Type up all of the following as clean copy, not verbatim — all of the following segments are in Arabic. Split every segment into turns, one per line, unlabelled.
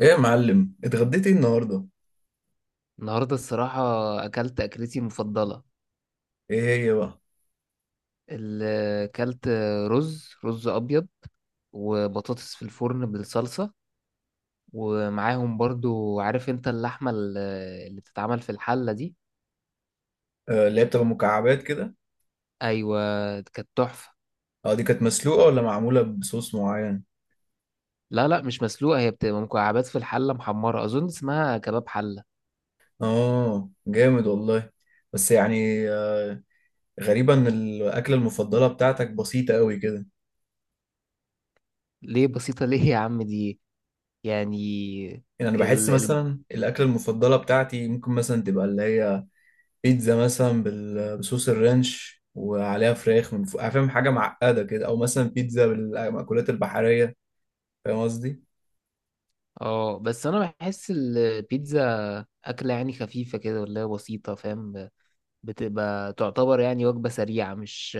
ايه يا معلم، اتغديت ايه النهارده؟
النهاردة الصراحة أكلت أكلتي المفضلة.
ايه هي بقى؟
ال- أكلت رز أبيض وبطاطس في الفرن بالصلصة، ومعاهم برضو عارف أنت اللحمة اللي بتتعمل في الحلة دي.
آه، اللي هي بتبقى مكعبات كده.
أيوة كانت تحفة.
اه، دي كانت مسلوقه ولا معموله بصوص معين؟
لا لا مش مسلوقة، هي بتبقى مكعبات في الحلة محمرة، أظن اسمها كباب حلة.
اه جامد والله. بس يعني غريبه ان الاكله المفضله بتاعتك بسيطه قوي كده.
ليه بسيطة ليه يا عم دي يعني.
يعني انا بحس
ال ال
مثلا الاكله المفضله بتاعتي ممكن مثلا تبقى اللي هي بيتزا مثلا بصوص الرانش وعليها فراخ من فوق، فاهم؟ حاجه معقده كده، او مثلا بيتزا بالمأكولات البحريه. فاهم قصدي؟
اه بس أنا بحس البيتزا أكلة يعني خفيفة كده ولا بسيطة، فاهم؟ بتبقى تعتبر يعني وجبة سريعة، مش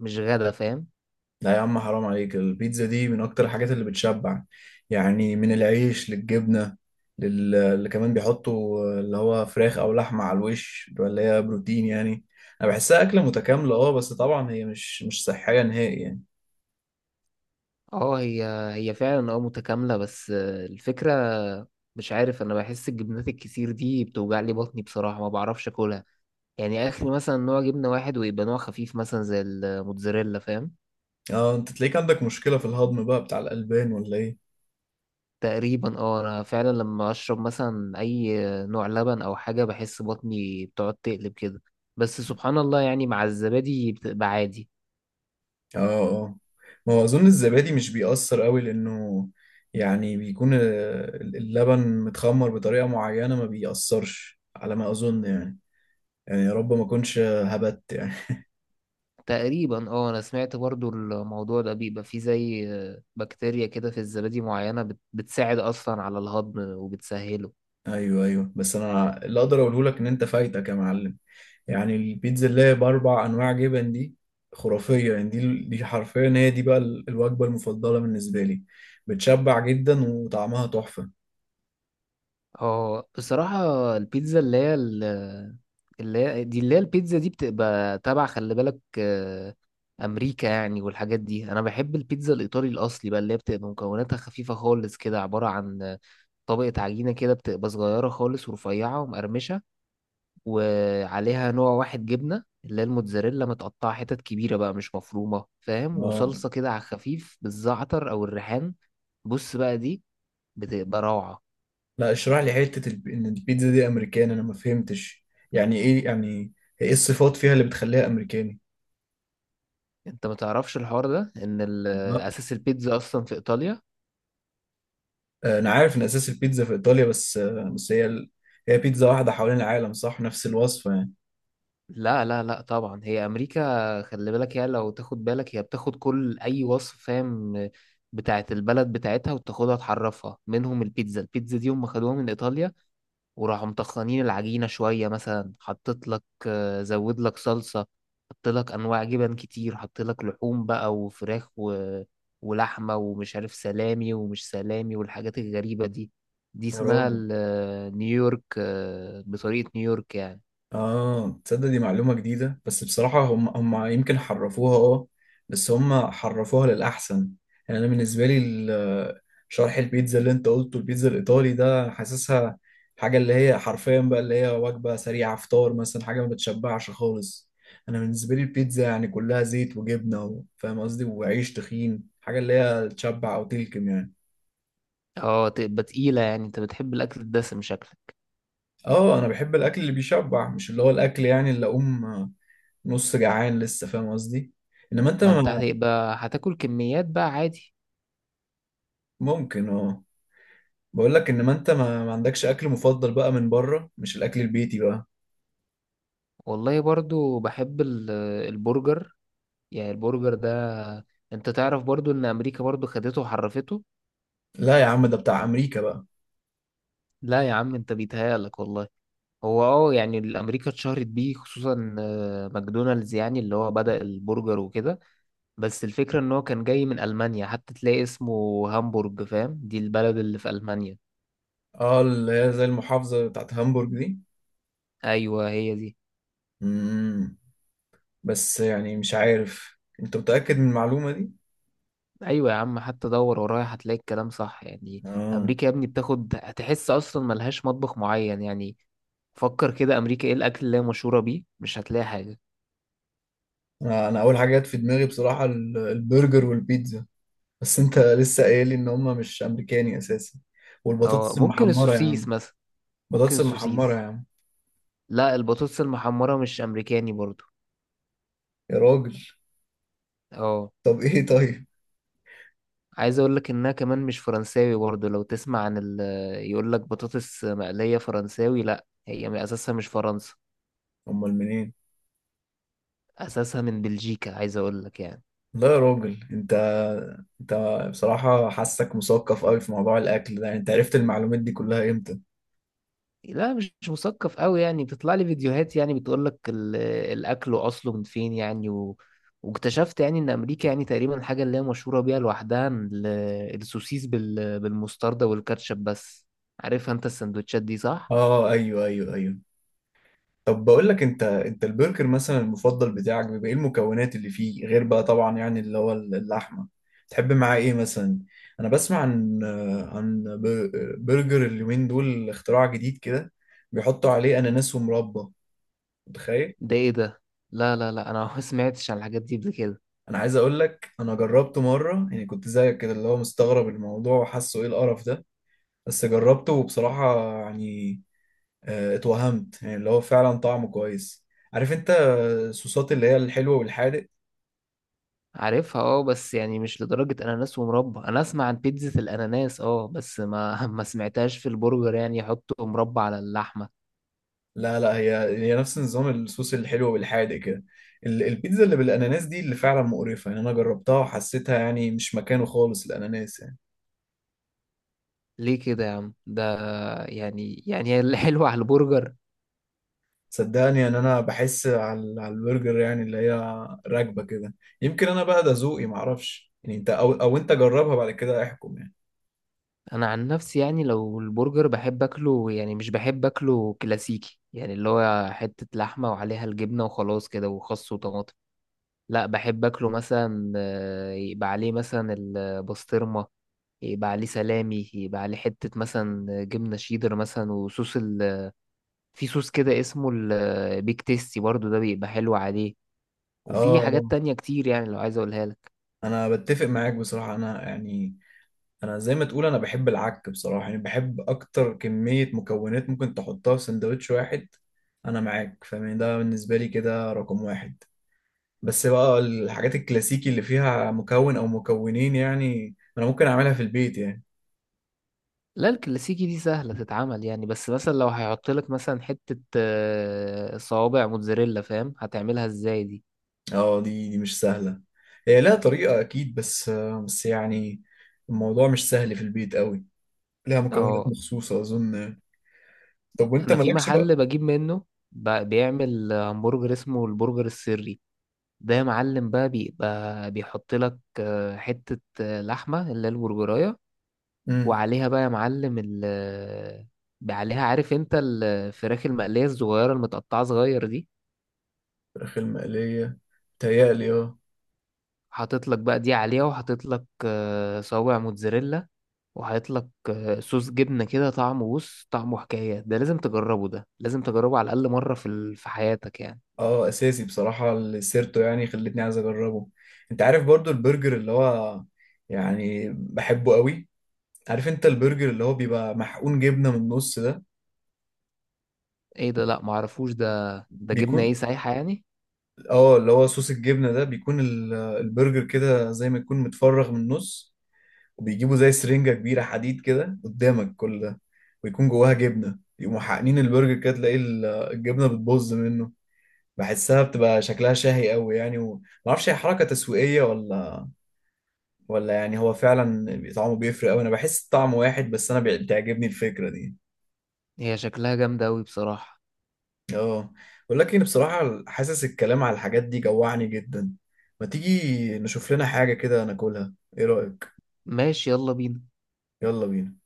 مش غدا، فاهم؟
لا يا عم، حرام عليك، البيتزا دي من اكتر الحاجات اللي بتشبع، يعني من العيش للجبنة اللي كمان بيحطوا اللي هو فراخ او لحمة على الوش اللي هي بروتين يعني. انا بحسها اكلة متكاملة، اه، بس طبعا هي مش صحية نهائي يعني.
اه هي، هي فعلا اه متكاملة، بس الفكرة مش عارف، انا بحس الجبنات الكتير دي بتوجع لي بطني بصراحة، ما بعرفش اكلها. يعني اخري مثلا نوع جبنة واحد ويبقى نوع خفيف مثلا زي الموتزاريلا، فاهم؟
اه، انت تلاقيك عندك مشكلة في الهضم بقى بتاع الألبان ولا ايه؟
تقريبا اه، انا فعلا لما اشرب مثلا اي نوع لبن او حاجة بحس بطني بتقعد تقلب كده. بس سبحان الله يعني مع الزبادي بتبقى عادي.
اه اه. ما هو اظن الزبادي مش بيأثر قوي، لانه يعني بيكون اللبن متخمر بطريقة معينة ما بيأثرش، على ما اظن يعني. يعني يا رب ما اكونش هبت يعني.
تقريبا اه، انا سمعت برضو الموضوع ده بيبقى فيه زي بكتيريا كده في الزبادي معينة بتساعد اصلا على الهضم وبتسهله.
ايوه ايوه، بس انا اللي اقدر اقوله لك ان انت فايتك يا معلم. يعني البيتزا اللي هي باربع انواع جبن دي خرافيه يعني. دي حرفيا هي دي بقى الوجبه المفضله بالنسبه لي. بتشبع جدا وطعمها تحفه.
اه بصراحة البيتزا اللي هي دي، اللي هي البيتزا دي بتبقى تبع خلي بالك امريكا يعني والحاجات دي. انا بحب البيتزا الايطالي الاصلي بقى اللي هي بتبقى مكوناتها خفيفة خالص كده، عبارة عن طبقة عجينة كده بتبقى صغيرة خالص ورفيعة ومقرمشة، وعليها نوع واحد جبنة اللي هي الموتزاريلا متقطعة حتت كبيرة بقى مش مفرومة فاهم،
اه،
وصلصة كده على الخفيف بالزعتر أو الريحان. بص بقى دي بتبقى روعة.
لا، اشرح لي حته ان البيتزا دي امريكان، انا ما فهمتش. يعني ايه يعني؟ ايه الصفات فيها اللي بتخليها امريكاني؟
انت ما تعرفش الحوار ده ان
لا،
اساس البيتزا اصلا في ايطاليا.
انا عارف ان اساس البيتزا في ايطاليا، بس هي هي بيتزا واحده حوالين العالم، صح؟ نفس الوصفه يعني.
لا لا لا طبعا هي امريكا خلي بالك، هي لو تاخد بالك هي بتاخد كل اي وصف فاهم بتاعت البلد بتاعتها وتاخدها تحرفها منهم. البيتزا، دي هم خدوها من ايطاليا وراحوا مطخنين العجينة شوية، مثلا حطيت لك زود لك صلصة، حط لك أنواع جبن كتير، حط لك لحوم بقى وفراخ ولحمة ومش عارف سلامي ومش سلامي والحاجات الغريبة دي. دي
يا
اسمها
راجل،
نيويورك، بطريقة نيويورك يعني.
اه، تصدق دي معلومة جديدة. بس بصراحة هم يمكن حرفوها، اه، بس هم حرفوها للأحسن. يعني أنا بالنسبة لي شرح البيتزا اللي أنت قلته البيتزا الإيطالي ده حاسسها حاجة اللي هي حرفيا بقى اللي هي وجبة سريعة، فطار مثلا، حاجة ما بتشبعش خالص. أنا بالنسبة لي البيتزا يعني كلها زيت وجبنة فاهم قصدي، وعيش تخين، حاجة اللي هي تشبع أو تلكم يعني.
اه تبقى تقيلة يعني، انت بتحب الأكل الدسم شكلك.
اه انا بحب الاكل اللي بيشبع، مش اللي هو الاكل يعني اللي اقوم نص جعان لسه، فاهم قصدي؟ انما انت
ما انت
ما...
هتبقى هتاكل كميات بقى عادي.
ممكن اه. بقول لك انما انت ما, عندكش اكل مفضل بقى من بره، مش الاكل البيتي بقى؟
والله برضو بحب البرجر. يعني البرجر ده انت تعرف برضو ان امريكا برضو خدته وحرفته.
لا يا عم، ده بتاع امريكا بقى.
لا يا عم انت بيتهيألك والله. هو اه يعني الامريكا اتشهرت بيه خصوصا ماكدونالدز، يعني اللي هو بدأ البرجر وكده. بس الفكرة ان هو كان جاي من المانيا، حتى تلاقي اسمه هامبورج فاهم، دي البلد اللي في المانيا.
اه، اللي هي زي المحافظة بتاعت هامبورج دي.
ايوه هي دي.
امم، بس يعني مش عارف، انت متأكد من المعلومة دي؟
ايوه يا عم حتى دور ورايا هتلاقي الكلام صح يعني.
اه،
امريكا يا ابني بتاخد، هتحس اصلا ملهاش مطبخ معين يعني. فكر كده، امريكا ايه الاكل اللي هي مشهورة بيه؟ مش هتلاقي حاجة.
انا اول حاجة جت في دماغي بصراحة البرجر والبيتزا. بس انت لسه قايل لي ان هم مش امريكاني اساسا.
اه
والبطاطس
ممكن
المحمره يا
السوسيس
عم.
مثلا. ممكن
بطاطس المحمره يا
السوسيس.
عم.
لا البطاطس المحمرة مش أمريكاني برضو.
يا راجل.
اه
طب ايه طيب؟
عايز اقول لك انها كمان مش فرنساوي برضو. لو تسمع عن ال يقول لك بطاطس مقلية فرنساوي، لا هي من اساسها مش فرنسا.
امال منين؟
اساسها من بلجيكا عايز اقول لك يعني.
لا يا راجل، انت بصراحه حاسك مثقف قوي في موضوع الاكل ده. انت عرفت المعلومات دي كلها امتى؟
لا مش مثقف قوي يعني، بتطلع لي فيديوهات يعني بتقول لك الاكل واصله من فين يعني واكتشفت يعني ان امريكا يعني تقريبا الحاجه اللي هي مشهوره بيها لوحدها السوسيس بالمستردة والكاتشب بس. عارفها انت السندوتشات دي، صح؟
اه ايوه ايوه ايوه. طب بقول لك انت، انت البرجر مثلا المفضل بتاعك بيبقى ايه المكونات اللي فيه، غير بقى طبعا يعني اللي هو اللحمه؟ تحب معاه ايه مثلا؟ انا بسمع عن برجر اليومين دول، اختراع جديد كده، بيحطوا عليه اناناس ومربى، متخيل؟
ده ايه ده؟ لا لا لا، انا ما سمعتش عن الحاجات دي قبل كده.
انا عايز اقول لك انا جربته مره، يعني كنت زيك كده اللي هو مستغرب الموضوع وحاسه ايه القرف ده، بس جربته وبصراحه يعني اه، اتوهمت يعني اللي هو فعلا طعمه كويس. عارف انت الصوصات اللي هي الحلوه والحادق؟
عارفها اه، بس يعني مش لدرجه اناناس ومربى. انا اسمع عن بيتزا الاناناس اه، بس ما ما سمعتهاش في البرجر، يعني يحطوا مربى على اللحمه.
لا لا، هي نفس نظام الصوص الحلو بالحادق كده. البيتزا اللي بالاناناس دي اللي فعلا مقرفه يعني. انا جربتها وحسيتها يعني مش مكانه خالص الاناناس يعني.
ليه كده يا عم ده، يعني يعني الحلو على البرجر؟
صدقني ان انا بحس، على البرجر يعني اللي هي راكبه كده. يمكن انا بقى ده ذوقي معرفش يعني، انت او انت جربها بعد كده احكم يعني.
انا عن نفسي يعني لو البرجر بحب اكله، يعني مش بحب اكله كلاسيكي يعني اللي هو حتة لحمة وعليها الجبنة وخلاص كده وخس وطماطم. لا بحب اكله مثلا يبقى عليه مثلا البسطرمة، يبقى عليه سلامي، يبقى عليه حتة مثلا جبنة شيدر مثلا، وصوص في صوص كده اسمه البيك تيستي برضو، ده بيبقى حلو عليه.
اه
وفي حاجات تانية كتير يعني لو عايز اقولها لك.
انا بتفق معاك بصراحه، انا يعني انا زي ما تقول انا بحب العك بصراحه، يعني بحب اكتر كميه مكونات ممكن تحطها في سندوتش واحد. انا معاك، فاهم؟ ده بالنسبه لي كده رقم واحد. بس بقى الحاجات الكلاسيكي اللي فيها مكون او مكونين يعني انا ممكن اعملها في البيت يعني.
لا الكلاسيكي دي سهلة تتعمل يعني، بس مثلا لو هيحط لك مثلا حتة صوابع موتزاريلا فاهم، هتعملها ازاي دي؟
اه دي مش سهله. هي لها طريقه اكيد، بس بس يعني الموضوع مش سهل في البيت قوي. لها مكونات
اه
مخصوصه اظن يعني. طب وانت
انا في
مالكش بقى؟
محل بجيب منه، بيعمل همبرجر اسمه البرجر السري. ده يا معلم بقى بيبقى بيحط لك حتة لحمة اللي هي البرجراية،
امم.
وعليها بقى يا معلم ال آه، عليها عارف انت الفراخ المقلية الصغيرة المتقطعة صغير دي.
الفراخ المقليه؟ تهيألي اه.
حاطط لك بقى دي عليها، وحاطط لك صوابع موتزاريلا، وحاطط لك صوص جبنة كده طعمه، بص طعمه حكاية. ده لازم تجربه، ده لازم تجربه على الأقل مرة في حياتك يعني.
اه، اساسي بصراحه، السيرتو يعني خلتني عايز اجربه. انت عارف برضو البرجر اللي هو، يعني بحبه قوي. عارف انت البرجر اللي هو بيبقى محقون جبنه من النص ده؟
ايه ده؟ لا معرفوش ده. ده جبنة ايه،
بيكون،
سايحة يعني؟
اه، اللي هو صوص الجبنه ده، بيكون البرجر كده زي ما يكون متفرغ من النص، وبيجيبوا زي سرنجه كبيره حديد كده قدامك، كل ده ويكون جواها جبنه، يقوموا حاقنين البرجر كده تلاقي الجبنه بتبظ منه. بحسها بتبقى شكلها شهي قوي يعني، ومعرفش هي حركه تسويقيه ولا يعني هو فعلا طعمه بيفرق قوي. انا بحس الطعم واحد، بس انا بتعجبني الفكرة دي.
هي شكلها جامدة أوي بصراحة.
اه، ولكن بصراحة حاسس الكلام على الحاجات دي جوعني جدا. ما تيجي نشوف لنا حاجة كده ناكلها، ايه رأيك؟
ماشي يلا بينا.
يلا بينا.